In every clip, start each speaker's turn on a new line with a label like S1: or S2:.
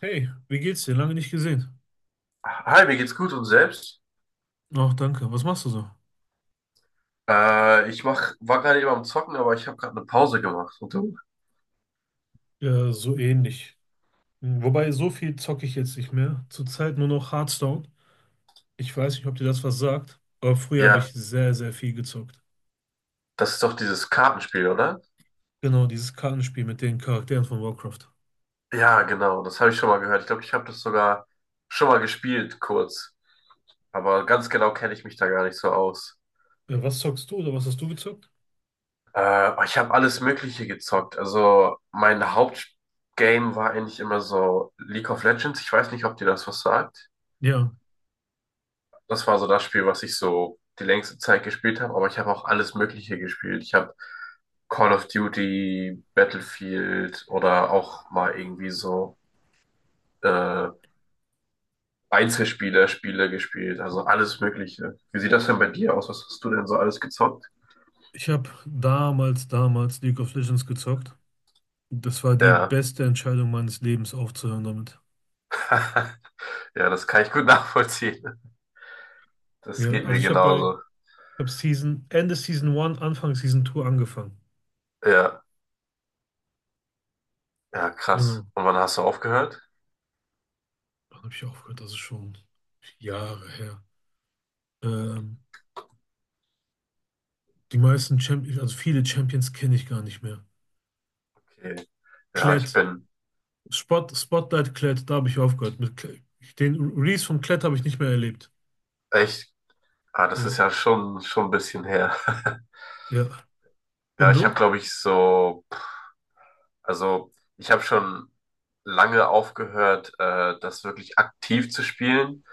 S1: Hey, wie geht's dir? Lange nicht gesehen.
S2: Hi, mir geht's gut und selbst?
S1: Ach, danke. Was machst du so?
S2: War gerade eben am Zocken, aber ich habe gerade eine Pause gemacht. Und du?
S1: Ja, so ähnlich. Wobei, so viel zocke ich jetzt nicht mehr. Zurzeit nur noch Hearthstone. Ich weiß nicht, ob dir das was sagt, aber früher habe
S2: Ja,
S1: ich sehr, sehr viel gezockt.
S2: das ist doch dieses Kartenspiel, oder?
S1: Genau, dieses Kartenspiel mit den Charakteren von Warcraft.
S2: Ja, genau, das habe ich schon mal gehört. Ich glaube, ich habe das sogar schon mal gespielt, kurz. Aber ganz genau kenne ich mich da gar nicht so aus.
S1: Ja, was zockst du oder was hast du gezockt?
S2: Ich habe alles Mögliche gezockt. Also mein Hauptgame war eigentlich immer so League of Legends. Ich weiß nicht, ob dir das was sagt.
S1: Ja,
S2: Das war so das Spiel, was ich so die längste Zeit gespielt habe, aber ich habe auch alles Mögliche gespielt. Ich habe Call of Duty, Battlefield oder auch mal irgendwie so äh, Einzelspieler-Spiele gespielt, also alles Mögliche. Wie sieht das denn bei dir aus? Was hast du denn so alles gezockt?
S1: ich habe damals League of Legends gezockt. Das war die
S2: Ja,
S1: beste Entscheidung meines Lebens, aufzuhören damit.
S2: ja, das kann ich gut nachvollziehen. Das
S1: Ja,
S2: geht
S1: also
S2: mir
S1: ich habe
S2: genauso.
S1: Season, Ende Season 1, Anfang Season 2 angefangen.
S2: Ja, ja, krass.
S1: Genau.
S2: Und wann hast du aufgehört?
S1: Wann habe ich aufgehört? Das ist schon Jahre her. Ähm, Die meisten Champions, also viele Champions kenne ich gar nicht mehr.
S2: Okay. Ja, ich
S1: Klett,
S2: bin
S1: Spotlight Klett, da habe ich aufgehört. Mit Klett. Den Release von Klett habe ich nicht mehr erlebt.
S2: echt, ah, das
S1: Ja,
S2: ist ja schon, schon ein bisschen her.
S1: ja.
S2: Ja,
S1: Und
S2: ich habe,
S1: du?
S2: glaube ich, so, also ich habe schon lange aufgehört, das wirklich aktiv zu spielen.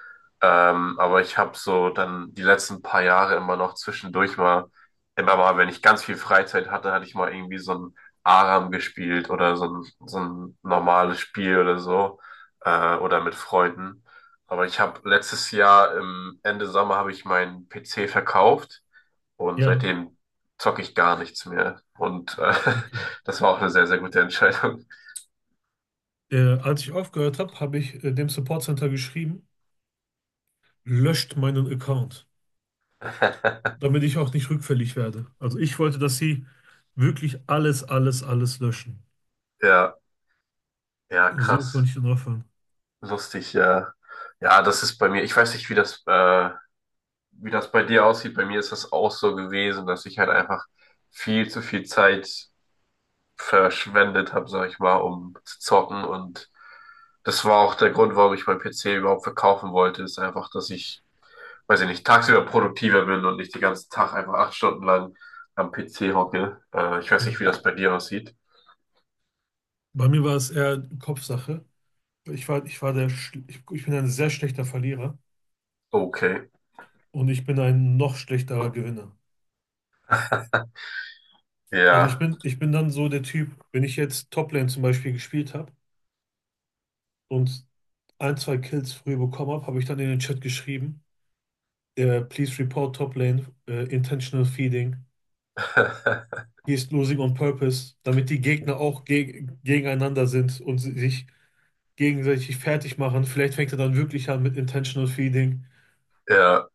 S2: Aber ich habe so dann die letzten paar Jahre immer noch zwischendurch mal, immer mal, wenn ich ganz viel Freizeit hatte, hatte ich mal irgendwie so ein Aram gespielt oder so ein normales Spiel oder so, oder mit Freunden. Aber ich habe letztes Jahr im Ende Sommer habe ich meinen PC verkauft und
S1: Ja,
S2: seitdem zocke ich gar nichts mehr. Und
S1: okay.
S2: das war auch eine sehr, sehr gute Entscheidung.
S1: Als ich aufgehört habe, habe ich dem Support Center geschrieben, löscht meinen Account, damit ich auch nicht rückfällig werde. Also ich wollte, dass sie wirklich alles, alles, alles löschen.
S2: Ja, ja,
S1: So konnte
S2: krass.
S1: ich dann aufhören.
S2: Lustig, ja. Ja, das ist bei mir, ich weiß nicht, wie das bei dir aussieht. Bei mir ist das auch so gewesen, dass ich halt einfach viel zu viel Zeit verschwendet habe, sag ich mal, um zu zocken. Und das war auch der Grund, warum ich meinen PC überhaupt verkaufen wollte, ist einfach, dass ich, weiß ich nicht, tagsüber produktiver bin und nicht den ganzen Tag einfach 8 Stunden lang am PC hocke. Ich weiß
S1: Ja.
S2: nicht, wie das bei dir aussieht.
S1: Bei mir war es eher Kopfsache. Ich war der, Schl- ich bin ein sehr schlechter Verlierer
S2: Okay.
S1: und ich bin ein noch schlechterer Gewinner. Also
S2: Ja.
S1: ich bin dann so der Typ, wenn ich jetzt Toplane zum Beispiel gespielt habe und ein, zwei Kills früh bekommen habe, habe ich dann in den Chat geschrieben, please report Toplane, intentional feeding, he is losing on purpose, damit die Gegner auch gegeneinander sind und sich gegenseitig fertig machen. Vielleicht fängt er dann wirklich an mit intentional feeding.
S2: Ja,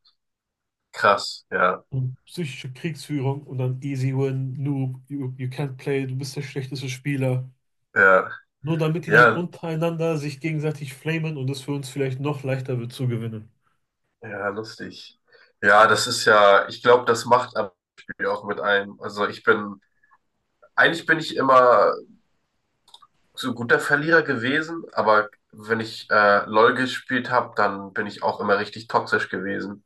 S2: krass. Ja,
S1: Und psychische Kriegsführung und dann easy win, noob, you can't play, du bist der schlechteste Spieler.
S2: ja,
S1: Nur damit die dann
S2: ja,
S1: untereinander sich gegenseitig flamen und es für uns vielleicht noch leichter wird zu gewinnen.
S2: ja, lustig. Ja, das ist ja, ich glaube, das macht am Spiel auch mit einem. Also ich bin, eigentlich bin ich immer so guter Verlierer gewesen, aber wenn ich LOL gespielt habe, dann bin ich auch immer richtig toxisch gewesen.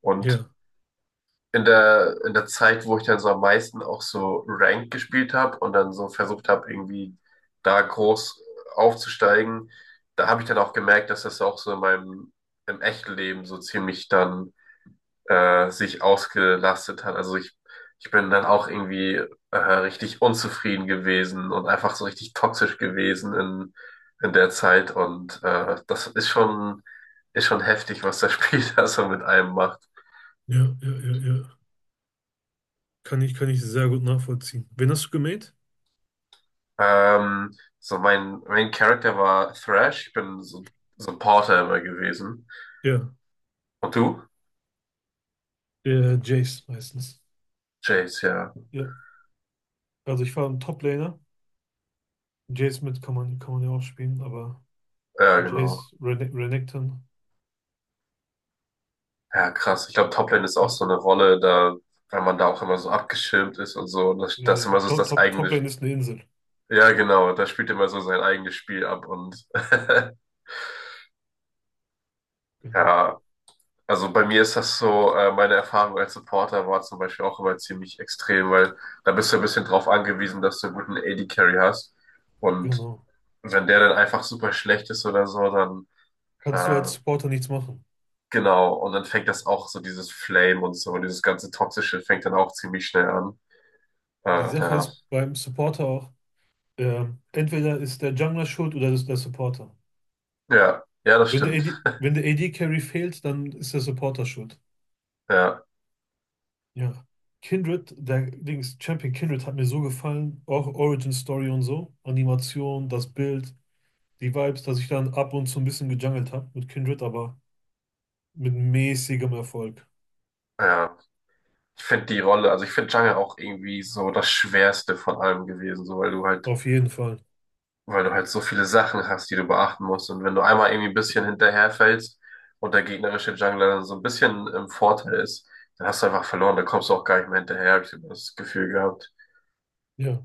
S2: Und
S1: Ja,
S2: in der Zeit, wo ich dann so am meisten auch so Ranked gespielt habe und dann so versucht habe, irgendwie da groß aufzusteigen, da habe ich dann auch gemerkt, dass das auch so in meinem im echten Leben so ziemlich dann sich ausgelastet hat. Also ich bin dann auch irgendwie richtig unzufrieden gewesen und einfach so richtig toxisch gewesen in der Zeit. Und das ist schon heftig, was das Spiel da so mit einem macht.
S1: ja, ja, ja, ja. Kann ich sehr gut nachvollziehen. Wen hast du gemäht?
S2: So mein Character war Thrash. Ich bin so, so ein Porter immer gewesen.
S1: Ja,
S2: Und du?
S1: Jace meistens.
S2: Jace, ja.
S1: Ja, also ich war ein Top-Laner. Jace mit kann man ja auch spielen, aber
S2: Ja, genau.
S1: Jace, Renekton,
S2: Ja, krass. Ich glaube, Toplane ist auch
S1: ja,
S2: so eine Rolle, da, weil man da auch immer so abgeschirmt ist und so. Und das, das ist
S1: ja,
S2: immer so das eigene.
S1: Top-Lane ist eine Insel.
S2: Ja, genau. Da spielt immer so sein eigenes Spiel ab und
S1: Genau,
S2: ja, also bei mir ist das so, meine Erfahrung als Supporter war zum Beispiel auch immer ziemlich extrem, weil da bist du ein bisschen drauf angewiesen, dass du einen guten AD-Carry hast. Und
S1: genau.
S2: wenn der dann einfach super schlecht ist oder so, dann
S1: Kannst du als
S2: äh,
S1: Supporter nichts machen.
S2: genau, und dann fängt das auch so dieses Flame und so, dieses ganze Toxische fängt dann auch ziemlich schnell an.
S1: Die Sache
S2: Ja.
S1: ist beim Supporter auch, entweder ist der Jungler schuld oder ist der Supporter.
S2: Ja, ja, das
S1: Wenn der
S2: stimmt.
S1: AD, Wenn der AD-Carry fehlt, dann ist der Supporter schuld.
S2: Ja,
S1: Ja. Kindred, der Dings, Champion Kindred hat mir so gefallen. Auch Origin Story und so. Animation, das Bild, die Vibes, dass ich dann ab und zu ein bisschen gejungelt habe mit Kindred, aber mit mäßigem Erfolg.
S2: ja. Ich finde die Rolle, also ich finde Jungle auch irgendwie so das Schwerste von allem gewesen, so
S1: Auf jeden Fall.
S2: weil du halt so viele Sachen hast, die du beachten musst. Und wenn du einmal irgendwie ein bisschen hinterherfällst und der gegnerische Jungler dann so ein bisschen im Vorteil ist, dann hast du einfach verloren, dann kommst du auch gar nicht mehr hinterher, hab ich immer das Gefühl gehabt.
S1: Ja.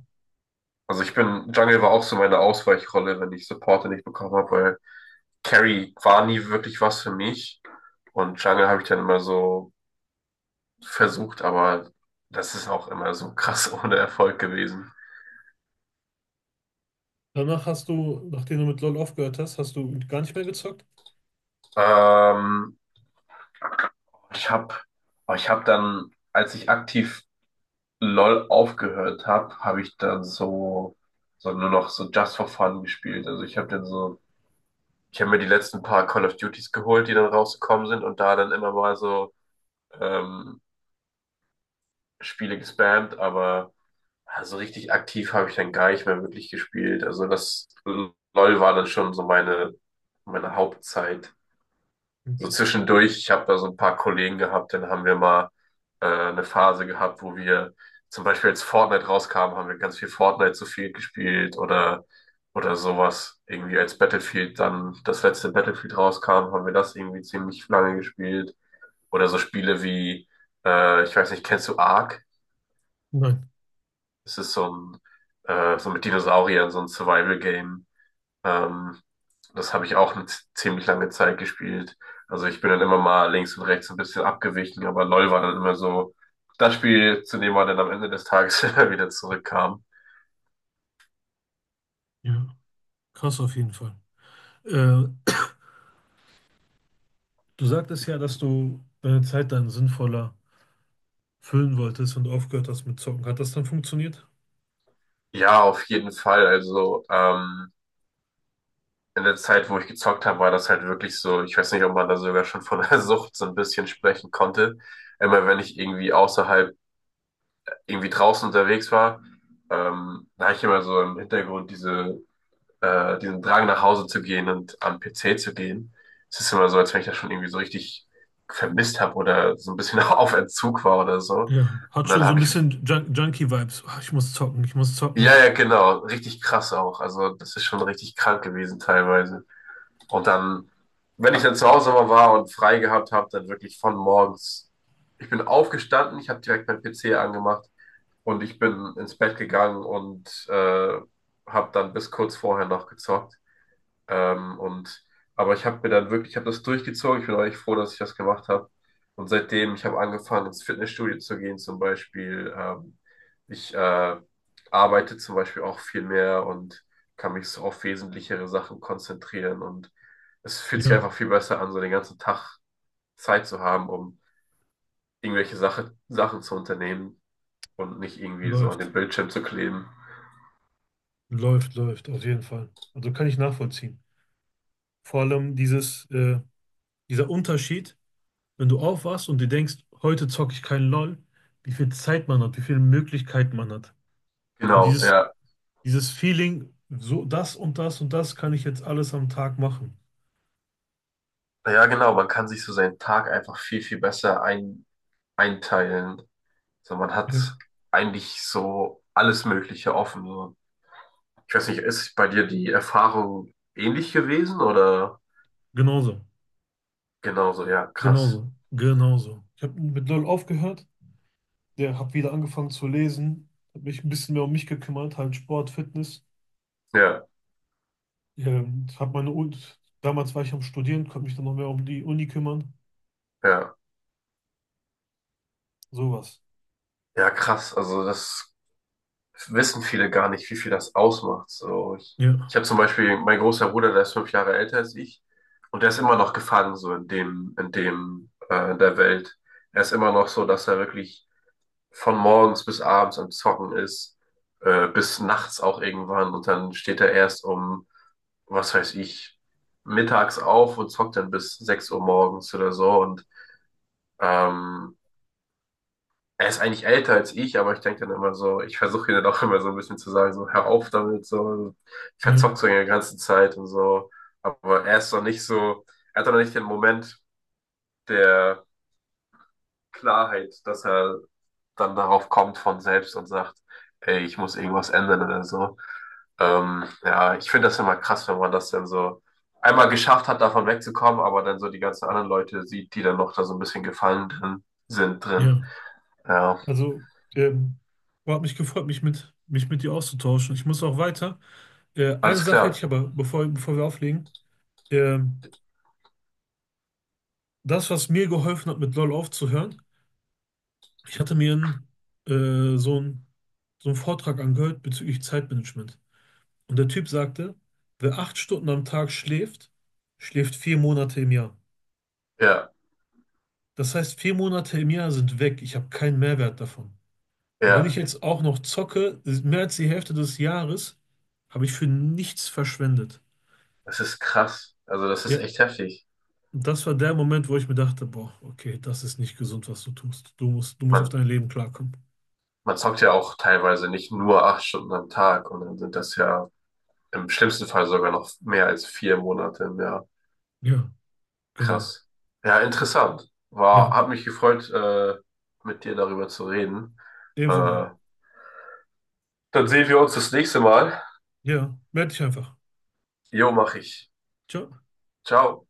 S2: Also ich bin, Jungle war auch so meine Ausweichrolle, wenn ich Supporte nicht bekommen habe, weil Carry war nie wirklich was für mich. Und Jungle habe ich dann immer so versucht, aber das ist auch immer so krass ohne Erfolg gewesen.
S1: Danach hast du, nachdem du mit LoL aufgehört hast, hast du gar nicht mehr gezockt?
S2: Ähm, ich habe, ich habe dann, als ich aktiv LOL aufgehört habe, habe ich dann so, so nur noch so Just for Fun gespielt. Also ich habe dann so, ich habe mir die letzten paar Call of Duties geholt, die dann rausgekommen sind und da dann immer mal so ähm, Spiele gespammt, aber ja, so richtig aktiv habe ich dann gar nicht mehr wirklich gespielt. Also das LOL war dann schon so meine, meine Hauptzeit. So
S1: Okay.
S2: zwischendurch, ich habe da so ein paar Kollegen gehabt, dann haben wir mal eine Phase gehabt, wo wir zum Beispiel als Fortnite rauskam haben wir ganz viel Fortnite zu viel gespielt oder sowas. Irgendwie als Battlefield dann das letzte Battlefield rauskam, haben wir das irgendwie ziemlich lange gespielt. Oder so Spiele wie, ich weiß nicht, kennst du Ark?
S1: Nein.
S2: Es ist so ein, so mit Dinosauriern, so ein Survival-Game. Ähm, das habe ich auch eine ziemlich lange Zeit gespielt. Also ich bin dann immer mal links und rechts ein bisschen abgewichen, aber LOL war dann immer so das Spiel, zu dem man dann am Ende des Tages immer wieder zurückkam.
S1: Ja. Krass auf jeden Fall. Äh, Du sagtest ja, dass du deine Zeit dann sinnvoller füllen wolltest und aufgehört hast mit Zocken. Hat das dann funktioniert?
S2: Ja, auf jeden Fall. Also in der Zeit, wo ich gezockt habe, war das halt wirklich so, ich weiß nicht, ob man da sogar schon von der Sucht so ein bisschen sprechen konnte. Immer wenn ich irgendwie außerhalb, irgendwie draußen unterwegs war, da habe ich immer so im Hintergrund diese diesen Drang nach Hause zu gehen und am PC zu gehen. Es ist immer so, als wenn ich das schon irgendwie so richtig vermisst habe oder so ein bisschen auf Entzug war oder so.
S1: Ja, hat
S2: Und dann
S1: schon so ein
S2: habe ich,
S1: bisschen Junkie-Vibes. Ah, ich muss zocken, ich muss zocken.
S2: ja, ja, genau, richtig krass auch. Also das ist schon richtig krank gewesen teilweise. Und dann, wenn ich dann zu Hause mal war und frei gehabt habe, dann wirklich von morgens. Ich bin aufgestanden, ich habe direkt meinen PC angemacht und ich bin ins Bett gegangen und habe dann bis kurz vorher noch gezockt. Ähm, und, aber ich habe mir dann wirklich, ich habe das durchgezogen. Ich bin eigentlich froh, dass ich das gemacht habe. Und seitdem, ich habe angefangen, ins Fitnessstudio zu gehen, zum Beispiel. Ich arbeite zum Beispiel auch viel mehr und kann mich so auf wesentlichere Sachen konzentrieren. Und es fühlt sich
S1: Ja,
S2: einfach viel besser an, so den ganzen Tag Zeit zu haben, um irgendwelche Sache, Sachen zu unternehmen und nicht irgendwie so an
S1: läuft.
S2: den Bildschirm zu kleben.
S1: Läuft, auf jeden Fall. Also kann ich nachvollziehen. Vor allem dieses, dieser Unterschied, wenn du aufwachst und dir denkst, heute zocke ich keinen LOL, wie viel Zeit man hat, wie viele Möglichkeiten man hat. Und
S2: Genau, ja.
S1: dieses Feeling, so das und das und das kann ich jetzt alles am Tag machen.
S2: Ja, genau. Man kann sich so seinen Tag einfach viel, viel besser ein, einteilen. So, man hat
S1: Ja,
S2: eigentlich so alles Mögliche offen. So. Ich weiß nicht, ist bei dir die Erfahrung ähnlich gewesen oder
S1: genauso.
S2: genauso? Ja, krass.
S1: Genauso. Ich habe mit LOL aufgehört, der habe wieder angefangen zu lesen, habe mich ein bisschen mehr um mich gekümmert, halt Sport, Fitness.
S2: Ja,
S1: Habe meine Uni, damals war ich am Studieren, konnte mich dann noch mehr um die Uni kümmern,
S2: ja,
S1: sowas.
S2: ja, krass. Also das wissen viele gar nicht, wie viel das ausmacht. So, ich
S1: Ja,
S2: habe zum Beispiel mein großer Bruder, der ist 5 Jahre älter als ich und der ist immer noch gefangen so in dem, in der Welt. Er ist immer noch so, dass er wirklich von morgens bis abends am Zocken ist, bis nachts auch irgendwann und dann steht er erst um, was weiß ich, mittags auf und zockt dann bis 6 Uhr morgens oder so und ähm, er ist eigentlich älter als ich, aber ich denke dann immer so, ich versuche ihn dann auch immer so ein bisschen zu sagen, so hör auf damit, so ich
S1: ja,
S2: verzock so in der ganzen Zeit und so, aber er ist noch nicht so, er hat doch noch nicht den Moment der Klarheit, dass er dann darauf kommt von selbst und sagt, ey, ich muss irgendwas ändern oder so. Ja, ich finde das immer krass, wenn man das dann so einmal geschafft hat, davon wegzukommen, aber dann so die ganzen anderen Leute sieht, die dann noch da so ein bisschen gefallen drin sind drin.
S1: ja.
S2: Ja,
S1: Also, ähm, hat mich gefreut, mich mit dir auszutauschen. Ich muss auch weiter. Eine
S2: alles
S1: Sache hätte
S2: klar.
S1: ich aber, bevor wir auflegen. Ähm, das, was mir geholfen hat, mit LOL aufzuhören, ich hatte mir einen, so einen, so einen Vortrag angehört bezüglich Zeitmanagement. Und der Typ sagte, wer 8 Stunden am Tag schläft, schläft 4 Monate im Jahr.
S2: Ja,
S1: Das heißt, 4 Monate im Jahr sind weg. Ich habe keinen Mehrwert davon. Und wenn ich
S2: ja,
S1: jetzt auch noch zocke, ist mehr als die Hälfte des Jahres habe ich für nichts verschwendet.
S2: das ist krass. Also das ist
S1: Ja,
S2: echt heftig.
S1: und das war der Moment, wo ich mir dachte, boah, okay, das ist nicht gesund, was du tust. Du musst auf
S2: Man,
S1: dein Leben klarkommen.
S2: man zockt ja auch teilweise nicht nur 8 Stunden am Tag und dann sind das ja im schlimmsten Fall sogar noch mehr als 4 Monate im Jahr.
S1: Ja, genau.
S2: Krass. Ja, interessant. War,
S1: Ja,
S2: hat mich gefreut, mit dir darüber zu reden.
S1: ebenso. Bruder.
S2: Äh, Dann sehen wir uns das nächste Mal.
S1: Ja, meld dich einfach.
S2: Jo, mach ich.
S1: Ciao.
S2: Ciao.